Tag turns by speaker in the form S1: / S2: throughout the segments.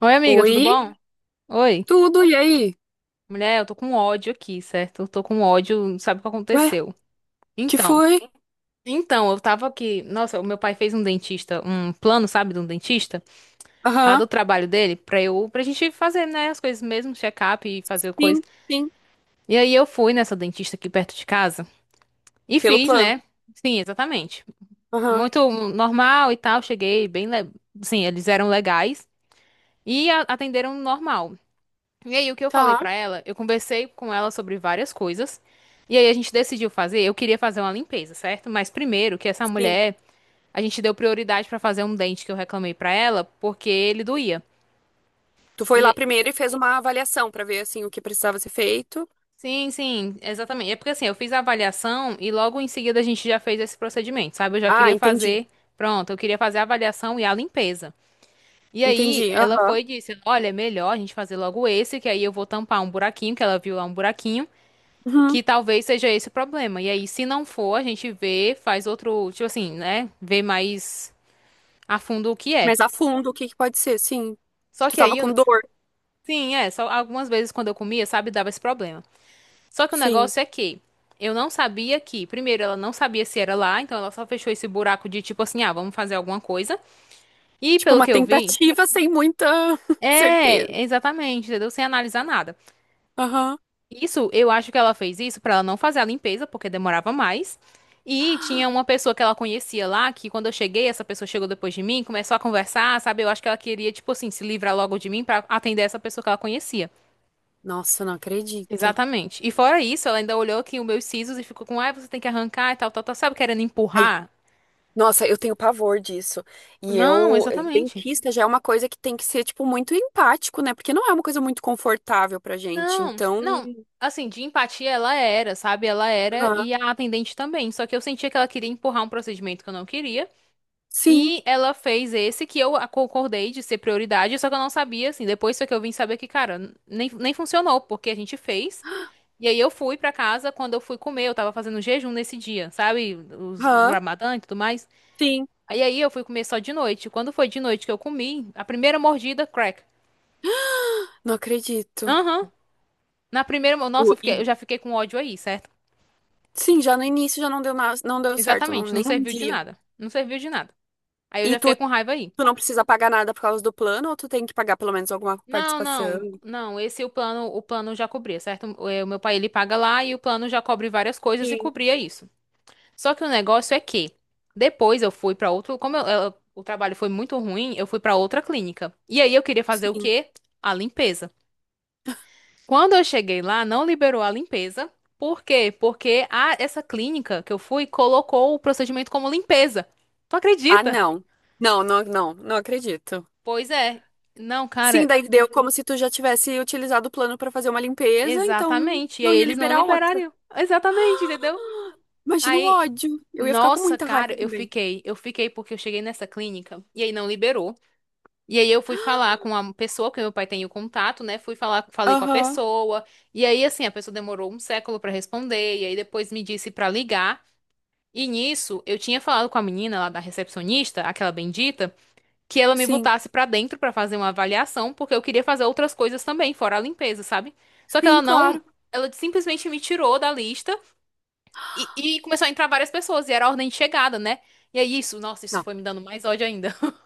S1: Oi, amiga, tudo bom?
S2: Oi,
S1: Oi.
S2: tudo, e aí?
S1: Mulher, eu tô com ódio aqui, certo? Eu tô com ódio, não sabe o que
S2: Ué,
S1: aconteceu?
S2: que
S1: Então,
S2: foi?
S1: então, eu tava aqui. Nossa, o meu pai fez um dentista, um plano, sabe, de um dentista, lá
S2: Aham.
S1: do trabalho dele, pra eu, pra gente fazer, né, as coisas mesmo, check-up e fazer coisa.
S2: Sim, sim,
S1: E aí eu fui nessa dentista aqui perto de casa e
S2: pelo
S1: fiz,
S2: plano.
S1: né? Sim, exatamente.
S2: Aham.
S1: Muito normal e tal, cheguei bem, sim, eles eram legais e atenderam normal. E aí, o que eu falei
S2: Tá,
S1: pra ela? Eu conversei com ela sobre várias coisas. E aí, a gente decidiu fazer. Eu queria fazer uma limpeza, certo? Mas primeiro, que essa
S2: sim.
S1: mulher, a gente deu prioridade pra fazer um dente que eu reclamei pra ela, porque ele doía.
S2: Tu foi lá
S1: E
S2: primeiro e fez uma avaliação pra ver, assim, o que precisava ser feito.
S1: sim, sim, exatamente. É porque assim, eu fiz a avaliação e logo em seguida a gente já fez esse procedimento, sabe? Eu já
S2: Ah,
S1: queria fazer,
S2: entendi,
S1: pronto, eu queria fazer a avaliação e a limpeza. E aí,
S2: entendi,
S1: ela
S2: aham.
S1: foi e disse: "Olha, é melhor a gente fazer logo esse, que aí eu vou tampar um buraquinho, que ela viu lá um buraquinho.
S2: Uhum.
S1: Que talvez seja esse o problema. E aí, se não for, a gente vê, faz outro, tipo assim, né? Vê mais a fundo o que é.
S2: Mas a fundo, o que que pode ser? Sim,
S1: Só
S2: tu
S1: que
S2: tava
S1: aí,
S2: com dor,
S1: sim, é, só algumas vezes quando eu comia, sabe, dava esse problema. Só que o
S2: sim.
S1: negócio é que eu não sabia que, primeiro, ela não sabia se era lá, então ela só fechou esse buraco de tipo assim, ah, vamos fazer alguma coisa. E
S2: Tipo,
S1: pelo
S2: uma
S1: que eu vi,
S2: tentativa sem muita certeza.
S1: é, exatamente, entendeu? Sem analisar nada.
S2: Aham.
S1: Isso, eu acho que ela fez isso pra ela não fazer a limpeza, porque demorava mais. E tinha uma pessoa que ela conhecia lá, que quando eu cheguei, essa pessoa chegou depois de mim, começou a conversar, sabe? Eu acho que ela queria, tipo assim, se livrar logo de mim pra atender essa pessoa que ela conhecia.
S2: Nossa, não acredito.
S1: Exatamente. E fora isso, ela ainda olhou aqui os meus sisos e ficou com, ai, você tem que arrancar e tal, tal, tal, sabe? Querendo
S2: Ai,
S1: empurrar.
S2: nossa, eu tenho pavor disso. E
S1: Não,
S2: eu, e
S1: exatamente.
S2: dentista já é uma coisa que tem que ser, tipo, muito empático, né? Porque não é uma coisa muito confortável pra gente.
S1: Não,
S2: Então,
S1: não. Assim, de empatia ela era, sabe? Ela era
S2: ah,
S1: e a atendente também. Só que eu sentia que ela queria empurrar um procedimento que eu não queria.
S2: sim,
S1: E ela fez esse que eu concordei de ser prioridade, só que eu não sabia, assim. Depois foi que eu vim saber que, cara, nem funcionou, porque a gente fez. E aí eu fui pra casa, quando eu fui comer, eu tava fazendo jejum nesse dia, sabe? O
S2: ah,
S1: Ramadã e tudo mais.
S2: sim,
S1: Aí eu fui comer só de noite. Quando foi de noite que eu comi, a primeira mordida, crack.
S2: não acredito.
S1: Aham. Na primeira, nossa,
S2: O- E,
S1: eu já fiquei com ódio aí, certo?
S2: sim, já no início já não deu nada, não deu certo, não,
S1: Exatamente, não
S2: nem um
S1: serviu de
S2: dia.
S1: nada. Não serviu de nada. Aí eu
S2: E
S1: já fiquei
S2: tu,
S1: com raiva aí.
S2: tu não precisa pagar nada por causa do plano, ou tu tem que pagar pelo menos alguma
S1: Não,
S2: participação?
S1: não, não. Esse o plano já cobria, certo? O meu pai ele paga lá e o plano já cobre várias coisas e
S2: Sim.
S1: cobria isso. Só que o negócio é que depois eu fui pra outro, como o trabalho foi muito ruim, eu fui pra outra clínica. E aí eu queria fazer o
S2: Sim.
S1: quê? A limpeza. Quando eu cheguei lá, não liberou a limpeza. Por quê? Porque essa clínica que eu fui colocou o procedimento como limpeza. Tu
S2: Ah,
S1: acredita?
S2: não. Não, não, não, não acredito.
S1: Pois é. Não,
S2: Sim,
S1: cara,
S2: daí deu como se tu já tivesse utilizado o plano pra fazer uma limpeza, então
S1: exatamente. E aí
S2: não ia
S1: eles não
S2: liberar outra.
S1: liberariam. Exatamente, entendeu?
S2: Imagina o
S1: Aí,
S2: ódio. Eu ia ficar com
S1: nossa,
S2: muita
S1: cara,
S2: raiva
S1: eu
S2: também.
S1: fiquei. Eu fiquei porque eu cheguei nessa clínica e aí não liberou. E aí eu fui falar com a pessoa, que meu pai tem o contato, né? Falei com a
S2: Aham,
S1: pessoa. E aí, assim, a pessoa demorou um século pra responder. E aí depois me disse pra ligar. E nisso, eu tinha falado com a menina lá da recepcionista, aquela bendita, que ela me
S2: sim.
S1: botasse pra dentro pra fazer uma avaliação, porque eu queria fazer outras coisas também, fora a limpeza, sabe? Só que ela
S2: Sim,
S1: não,
S2: claro.
S1: ela simplesmente me tirou da lista. E, e começou a entrar várias pessoas, e era a ordem de chegada, né? E aí isso, nossa, isso
S2: Não.
S1: foi me dando mais ódio ainda.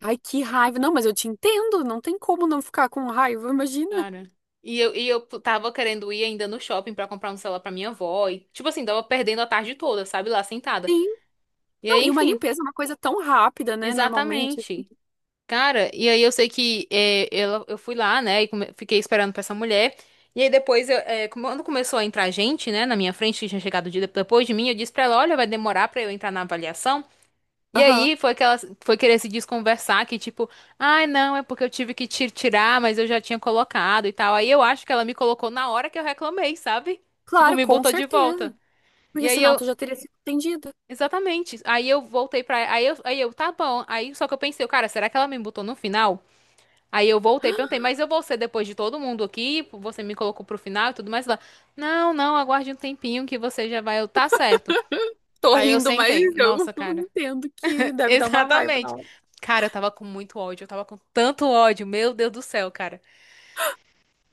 S2: Ai, que raiva. Não, mas eu te entendo. Não tem como não ficar com raiva, imagina.
S1: Cara. E eu tava querendo ir ainda no shopping pra comprar um celular pra minha avó. E, tipo assim, tava perdendo a tarde toda, sabe? Lá sentada.
S2: Sim.
S1: E
S2: Não,
S1: aí,
S2: e uma
S1: enfim,
S2: limpeza é uma coisa tão rápida, né? Normalmente, assim.
S1: exatamente. Cara, e aí eu sei que é, ela, eu fui lá, né? E fiquei esperando pra essa mulher. E aí depois, eu, é, quando começou a entrar gente, né? Na minha frente, que tinha chegado depois de mim, eu disse pra ela: Olha, vai demorar pra eu entrar na avaliação. E
S2: Aham.
S1: aí foi que ela foi querer se desconversar, que tipo, ai não, é porque eu tive que tirar, mas eu já tinha colocado e tal. Aí eu acho que ela me colocou na hora que eu reclamei, sabe? Tipo,
S2: Claro,
S1: me
S2: com
S1: botou de volta.
S2: certeza.
S1: E
S2: Porque
S1: aí
S2: senão
S1: eu,
S2: tu já teria sido atendida.
S1: exatamente. Aí eu voltei pra. Aí eu, tá bom. Aí só que eu pensei, cara, será que ela me botou no final? Aí eu voltei, e perguntei, mas eu vou ser depois de todo mundo aqui? Você me colocou pro final e tudo mais lá. Não, não, aguarde um tempinho que você já vai. Eu, tá certo.
S2: Tô
S1: Aí eu
S2: rindo, mas
S1: sentei.
S2: eu
S1: Nossa, cara.
S2: entendo que deve dar uma raiva na
S1: Exatamente.
S2: hora.
S1: Cara, eu tava com muito ódio, eu tava com tanto ódio, meu Deus do céu, cara.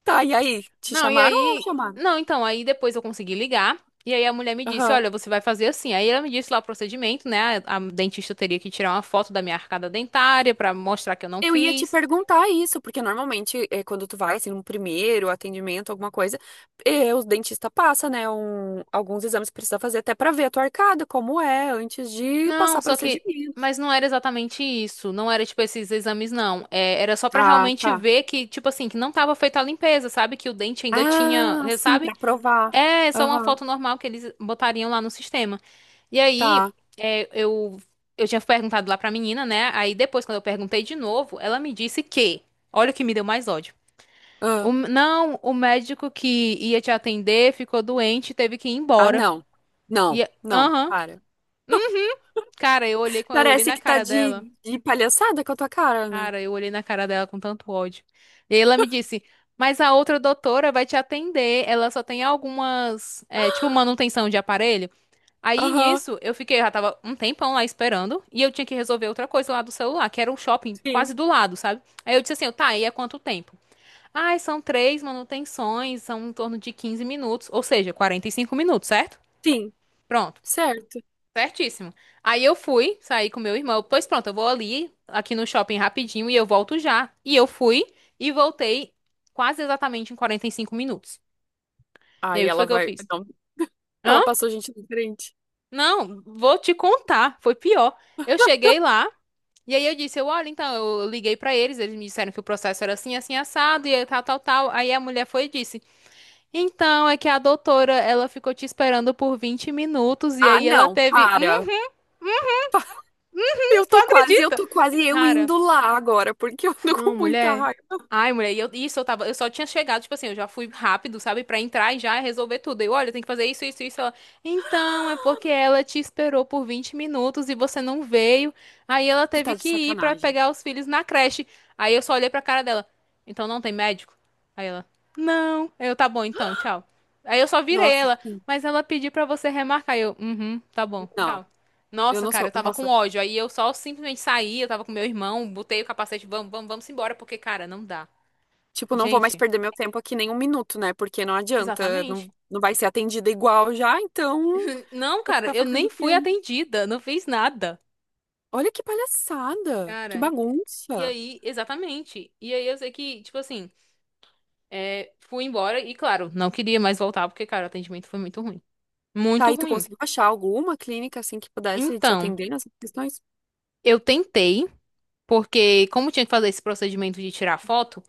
S2: Tá, e aí? Te
S1: Não, e
S2: chamaram ou não
S1: aí.
S2: chamaram?
S1: Não, então, aí depois eu consegui ligar. E aí a mulher me disse:
S2: Aham.
S1: Olha, você vai fazer assim. Aí ela me disse lá o procedimento, né? A dentista teria que tirar uma foto da minha arcada dentária pra mostrar que eu não
S2: Eu ia te
S1: fiz.
S2: perguntar isso, porque normalmente é, quando tu vai, assim, num primeiro atendimento, alguma coisa, é, o dentista passa, né, alguns exames que precisa fazer até pra ver a tua arcada, como é, antes de
S1: Não,
S2: passar
S1: só que.
S2: procedimentos.
S1: Mas não era exatamente isso. Não era, tipo, esses exames, não. É, era só pra
S2: Ah,
S1: realmente
S2: tá.
S1: ver que, tipo assim, que não tava feita a limpeza, sabe? Que o dente ainda tinha,
S2: Ah, sim,
S1: sabe?
S2: pra provar.
S1: É só uma
S2: Aham,
S1: foto normal que eles botariam lá no sistema. E aí,
S2: tá.
S1: eu, tinha perguntado lá pra menina, né? Aí depois, quando eu perguntei de novo, ela me disse que, olha o que me deu mais ódio.
S2: Ah,
S1: Não, o médico que ia te atender ficou doente, e teve que ir
S2: ah,
S1: embora.
S2: não. Não,
S1: E,
S2: não,
S1: aham.
S2: para.
S1: Hum, Cara, eu olhei
S2: Parece
S1: na
S2: que tá
S1: cara dela.
S2: de palhaçada com a tua cara, né?
S1: Cara, eu olhei na cara dela com tanto ódio. E aí ela me disse, mas a outra doutora vai te atender. Ela só tem algumas, é, tipo, manutenção de aparelho. Aí
S2: Aham,
S1: nisso, eu fiquei, eu já tava um tempão lá esperando, e eu tinha que resolver outra coisa lá do celular, que era um shopping
S2: sim,
S1: quase do lado, sabe? Aí eu disse assim, tá, e é quanto tempo? Ai, são três manutenções, são em torno de 15 minutos, ou seja, 45 minutos, certo?
S2: sim,
S1: Pronto,
S2: certo.
S1: certíssimo. Aí eu fui, saí com meu irmão, pois pronto, eu vou ali, aqui no shopping rapidinho, e eu volto já. E eu fui, e voltei quase exatamente em 45 minutos. E aí
S2: Aí
S1: o que
S2: ela
S1: foi que eu
S2: vai.
S1: fiz?
S2: Não,
S1: Hã?
S2: ela passou gente na frente.
S1: Não, vou te contar, foi pior. Eu cheguei lá. E aí eu disse, eu, olha, então, eu liguei pra eles, eles me disseram que o processo era assim, assim, assado, e aí tal, tal, tal. Aí a mulher foi e disse, então, é que a doutora, ela ficou te esperando por 20 minutos, e
S2: Ah,
S1: aí ela
S2: não,
S1: teve,
S2: para. Eu
S1: tu
S2: tô quase, eu
S1: acredita?
S2: tô quase eu
S1: Cara,
S2: indo lá agora, porque eu tô
S1: não,
S2: com muita
S1: mulher.
S2: raiva.
S1: Ai, mulher, e eu, isso eu tava, eu só tinha chegado, tipo assim, eu já fui rápido, sabe, pra entrar e já resolver tudo. Eu, olha, tem que fazer isso, isso, isso. Ela, então, é porque ela te esperou por 20 minutos e você não veio. Aí ela
S2: Tu tá
S1: teve
S2: de
S1: que ir pra
S2: sacanagem.
S1: pegar os filhos na creche. Aí eu só olhei pra cara dela. Então não tem médico? Aí ela, não. Aí eu, tá bom, então, tchau. Aí eu só virei
S2: Nossa,
S1: ela,
S2: sim.
S1: mas ela pediu pra você remarcar. Aí eu, uhum, tá bom,
S2: Não,
S1: tchau.
S2: eu
S1: Nossa,
S2: não
S1: cara,
S2: sou.
S1: eu tava com
S2: Nossa,
S1: ódio. Aí eu só simplesmente saí, eu tava com meu irmão, botei o capacete, vamos, vamos, vamos embora, porque, cara, não dá.
S2: tipo, não vou mais
S1: Gente,
S2: perder meu tempo aqui nem um minuto, né? Porque não adianta, não,
S1: exatamente.
S2: não vai ser atendida igual já, então
S1: Não,
S2: vai
S1: cara,
S2: ficar
S1: eu
S2: fazendo
S1: nem
S2: o que
S1: fui
S2: ele.
S1: atendida, não fiz nada.
S2: Olha que palhaçada, que
S1: Cara, e
S2: bagunça.
S1: aí, exatamente. E aí eu sei que, tipo assim, é, fui embora e, claro, não queria mais voltar, porque, cara, o atendimento foi muito ruim.
S2: Tá,
S1: Muito
S2: aí tu
S1: ruim.
S2: conseguiu achar alguma clínica assim que pudesse te
S1: Então,
S2: atender nessas questões?
S1: eu tentei, porque como tinha que fazer esse procedimento de tirar foto,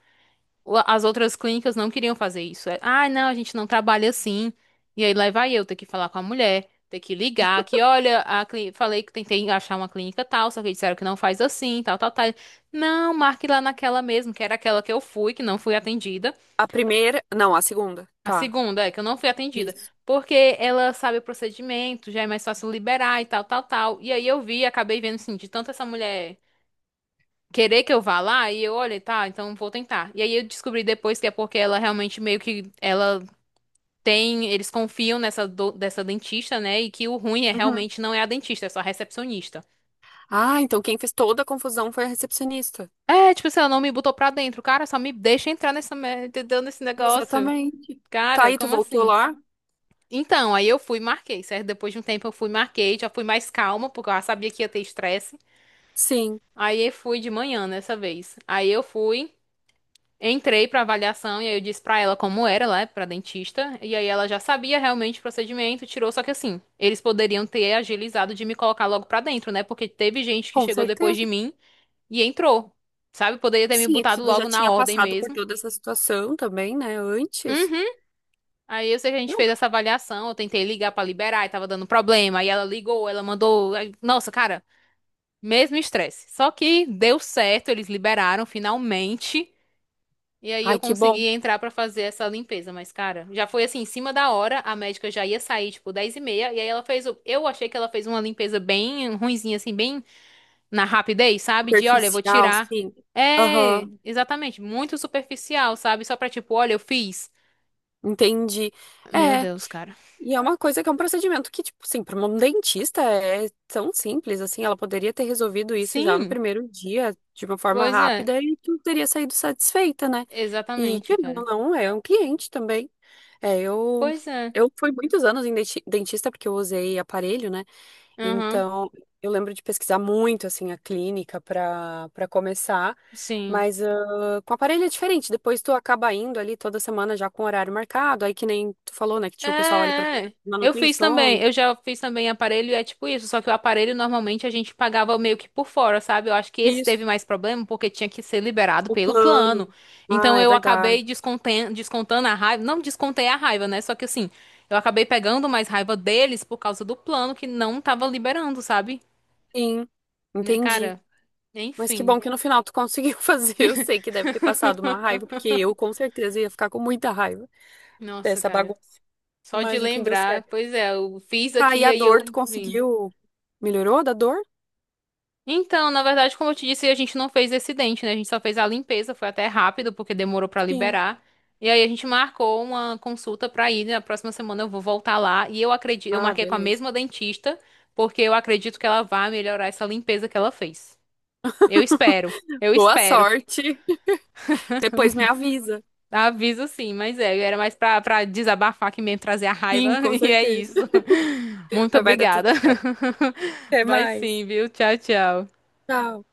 S1: as outras clínicas não queriam fazer isso. É, ah, não, a gente não trabalha assim. E aí lá vai eu ter que falar com a mulher, ter que ligar, que olha, falei que tentei achar uma clínica tal, só que disseram que não faz assim, tal, tal, tal. Não, marque lá naquela mesmo, que era aquela que eu fui, que não fui atendida.
S2: A primeira, não, a segunda,
S1: A
S2: tá.
S1: segunda é que eu não fui atendida,
S2: Isso.
S1: porque ela sabe o procedimento, já é mais fácil liberar e tal, tal, tal. E aí eu vi, acabei vendo assim, de tanto essa mulher querer que eu vá lá e eu, olha, tá, então vou tentar. E aí eu descobri depois que é porque ela realmente meio que ela tem, eles confiam dessa dentista, né? E que o ruim é
S2: Uhum.
S1: realmente, não é a dentista, é só a recepcionista.
S2: Ah, então quem fez toda a confusão foi a recepcionista.
S1: É, tipo assim, ela não me botou pra dentro, cara, só me deixa entrar nessa merda, entendeu? Nesse negócio.
S2: Exatamente. Tá,
S1: Cara,
S2: e tu
S1: como
S2: voltou
S1: assim?
S2: lá?
S1: Então, aí eu fui e marquei, certo? Depois de um tempo eu fui e marquei, já fui mais calma, porque eu já sabia que ia ter estresse.
S2: Sim,
S1: Aí eu fui de manhã nessa vez. Aí eu fui. Entrei pra avaliação e aí eu disse pra ela como era lá, pra dentista, e aí ela já sabia realmente o procedimento, tirou, só que assim, eles poderiam ter agilizado de me colocar logo pra dentro, né? Porque teve gente que
S2: com
S1: chegou depois de
S2: certeza.
S1: mim e entrou, sabe? Poderia ter me
S2: Sim, e
S1: botado
S2: tu já
S1: logo na
S2: tinha
S1: ordem
S2: passado por
S1: mesmo.
S2: toda essa situação também, né? Antes.
S1: Uhum. Aí eu sei que a gente
S2: Não.
S1: fez essa avaliação, eu tentei ligar pra liberar e tava dando problema, aí ela ligou, ela mandou, aí- nossa, cara, mesmo estresse. Só que deu certo, eles liberaram finalmente. E aí
S2: Ai,
S1: eu
S2: que bom.
S1: consegui entrar pra fazer essa limpeza, mas cara, já foi assim, em cima da hora, a médica já ia sair, tipo, 10h30, e aí ela fez, o- eu achei que ela fez uma limpeza bem ruinzinha, assim, bem na rapidez, sabe? De, olha, eu vou
S2: Superficial,
S1: tirar.
S2: sim.
S1: É,
S2: Aham,
S1: exatamente, muito superficial, sabe? Só pra tipo, olha, eu fiz.
S2: entendi.
S1: Meu
S2: É,
S1: Deus, cara.
S2: e é uma coisa que é um procedimento que, tipo, assim, para um dentista é tão simples, assim, ela poderia ter resolvido isso já no
S1: Sim,
S2: primeiro dia, de uma forma
S1: pois é,
S2: rápida, e tu teria saído satisfeita, né? E,
S1: exatamente,
S2: querendo ou
S1: cara.
S2: não, é um cliente também. É,
S1: Pois é,
S2: eu fui muitos anos em dentista porque eu usei aparelho, né?
S1: aham,
S2: Então, eu lembro de pesquisar muito assim a clínica para começar,
S1: sim.
S2: mas ah, com aparelho é diferente. Depois tu acaba indo ali toda semana já com horário marcado, aí que nem tu falou, né, que
S1: É,
S2: tinha o pessoal ali para
S1: é. Eu fiz também.
S2: manutenções.
S1: Eu já fiz também aparelho e é tipo isso. Só que o aparelho normalmente a gente pagava meio que por fora, sabe? Eu acho que esse teve
S2: Isso,
S1: mais problema porque tinha que ser liberado
S2: o
S1: pelo
S2: plano.
S1: plano.
S2: Ah,
S1: Então
S2: é
S1: eu
S2: verdade.
S1: acabei descontando a raiva. Não descontei a raiva, né? Só que assim, eu acabei pegando mais raiva deles por causa do plano que não tava liberando, sabe?
S2: Sim,
S1: Né,
S2: entendi.
S1: cara,
S2: Mas que
S1: enfim.
S2: bom que no final tu conseguiu fazer. Eu sei que deve ter passado uma raiva, porque eu com certeza ia ficar com muita raiva
S1: Nossa,
S2: dessa
S1: cara.
S2: bagunça.
S1: Só de
S2: Mas no fim deu
S1: lembrar,
S2: certo.
S1: pois é, eu fiz
S2: Tá, e
S1: aqui,
S2: a
S1: aí
S2: dor, tu
S1: eu vim.
S2: conseguiu? Melhorou da dor?
S1: Então, na verdade, como eu te disse, a gente não fez esse dente, né? A gente só fez a limpeza, foi até rápido, porque demorou pra
S2: Sim.
S1: liberar. E aí a gente marcou uma consulta pra ir, né? Na próxima semana eu vou voltar lá e eu acredito, eu
S2: Ah,
S1: marquei com a
S2: beleza.
S1: mesma dentista, porque eu acredito que ela vai melhorar essa limpeza que ela fez. Eu espero. Eu
S2: Boa
S1: espero.
S2: sorte. Depois me avisa.
S1: Aviso sim, mas é, era mais pra, pra desabafar que mesmo, trazer a raiva,
S2: Sim, com
S1: e é
S2: certeza.
S1: isso. Muito
S2: Mas vai dar tudo
S1: obrigada.
S2: certo. Até
S1: Vai sim,
S2: mais.
S1: viu? Tchau, tchau.
S2: Tchau.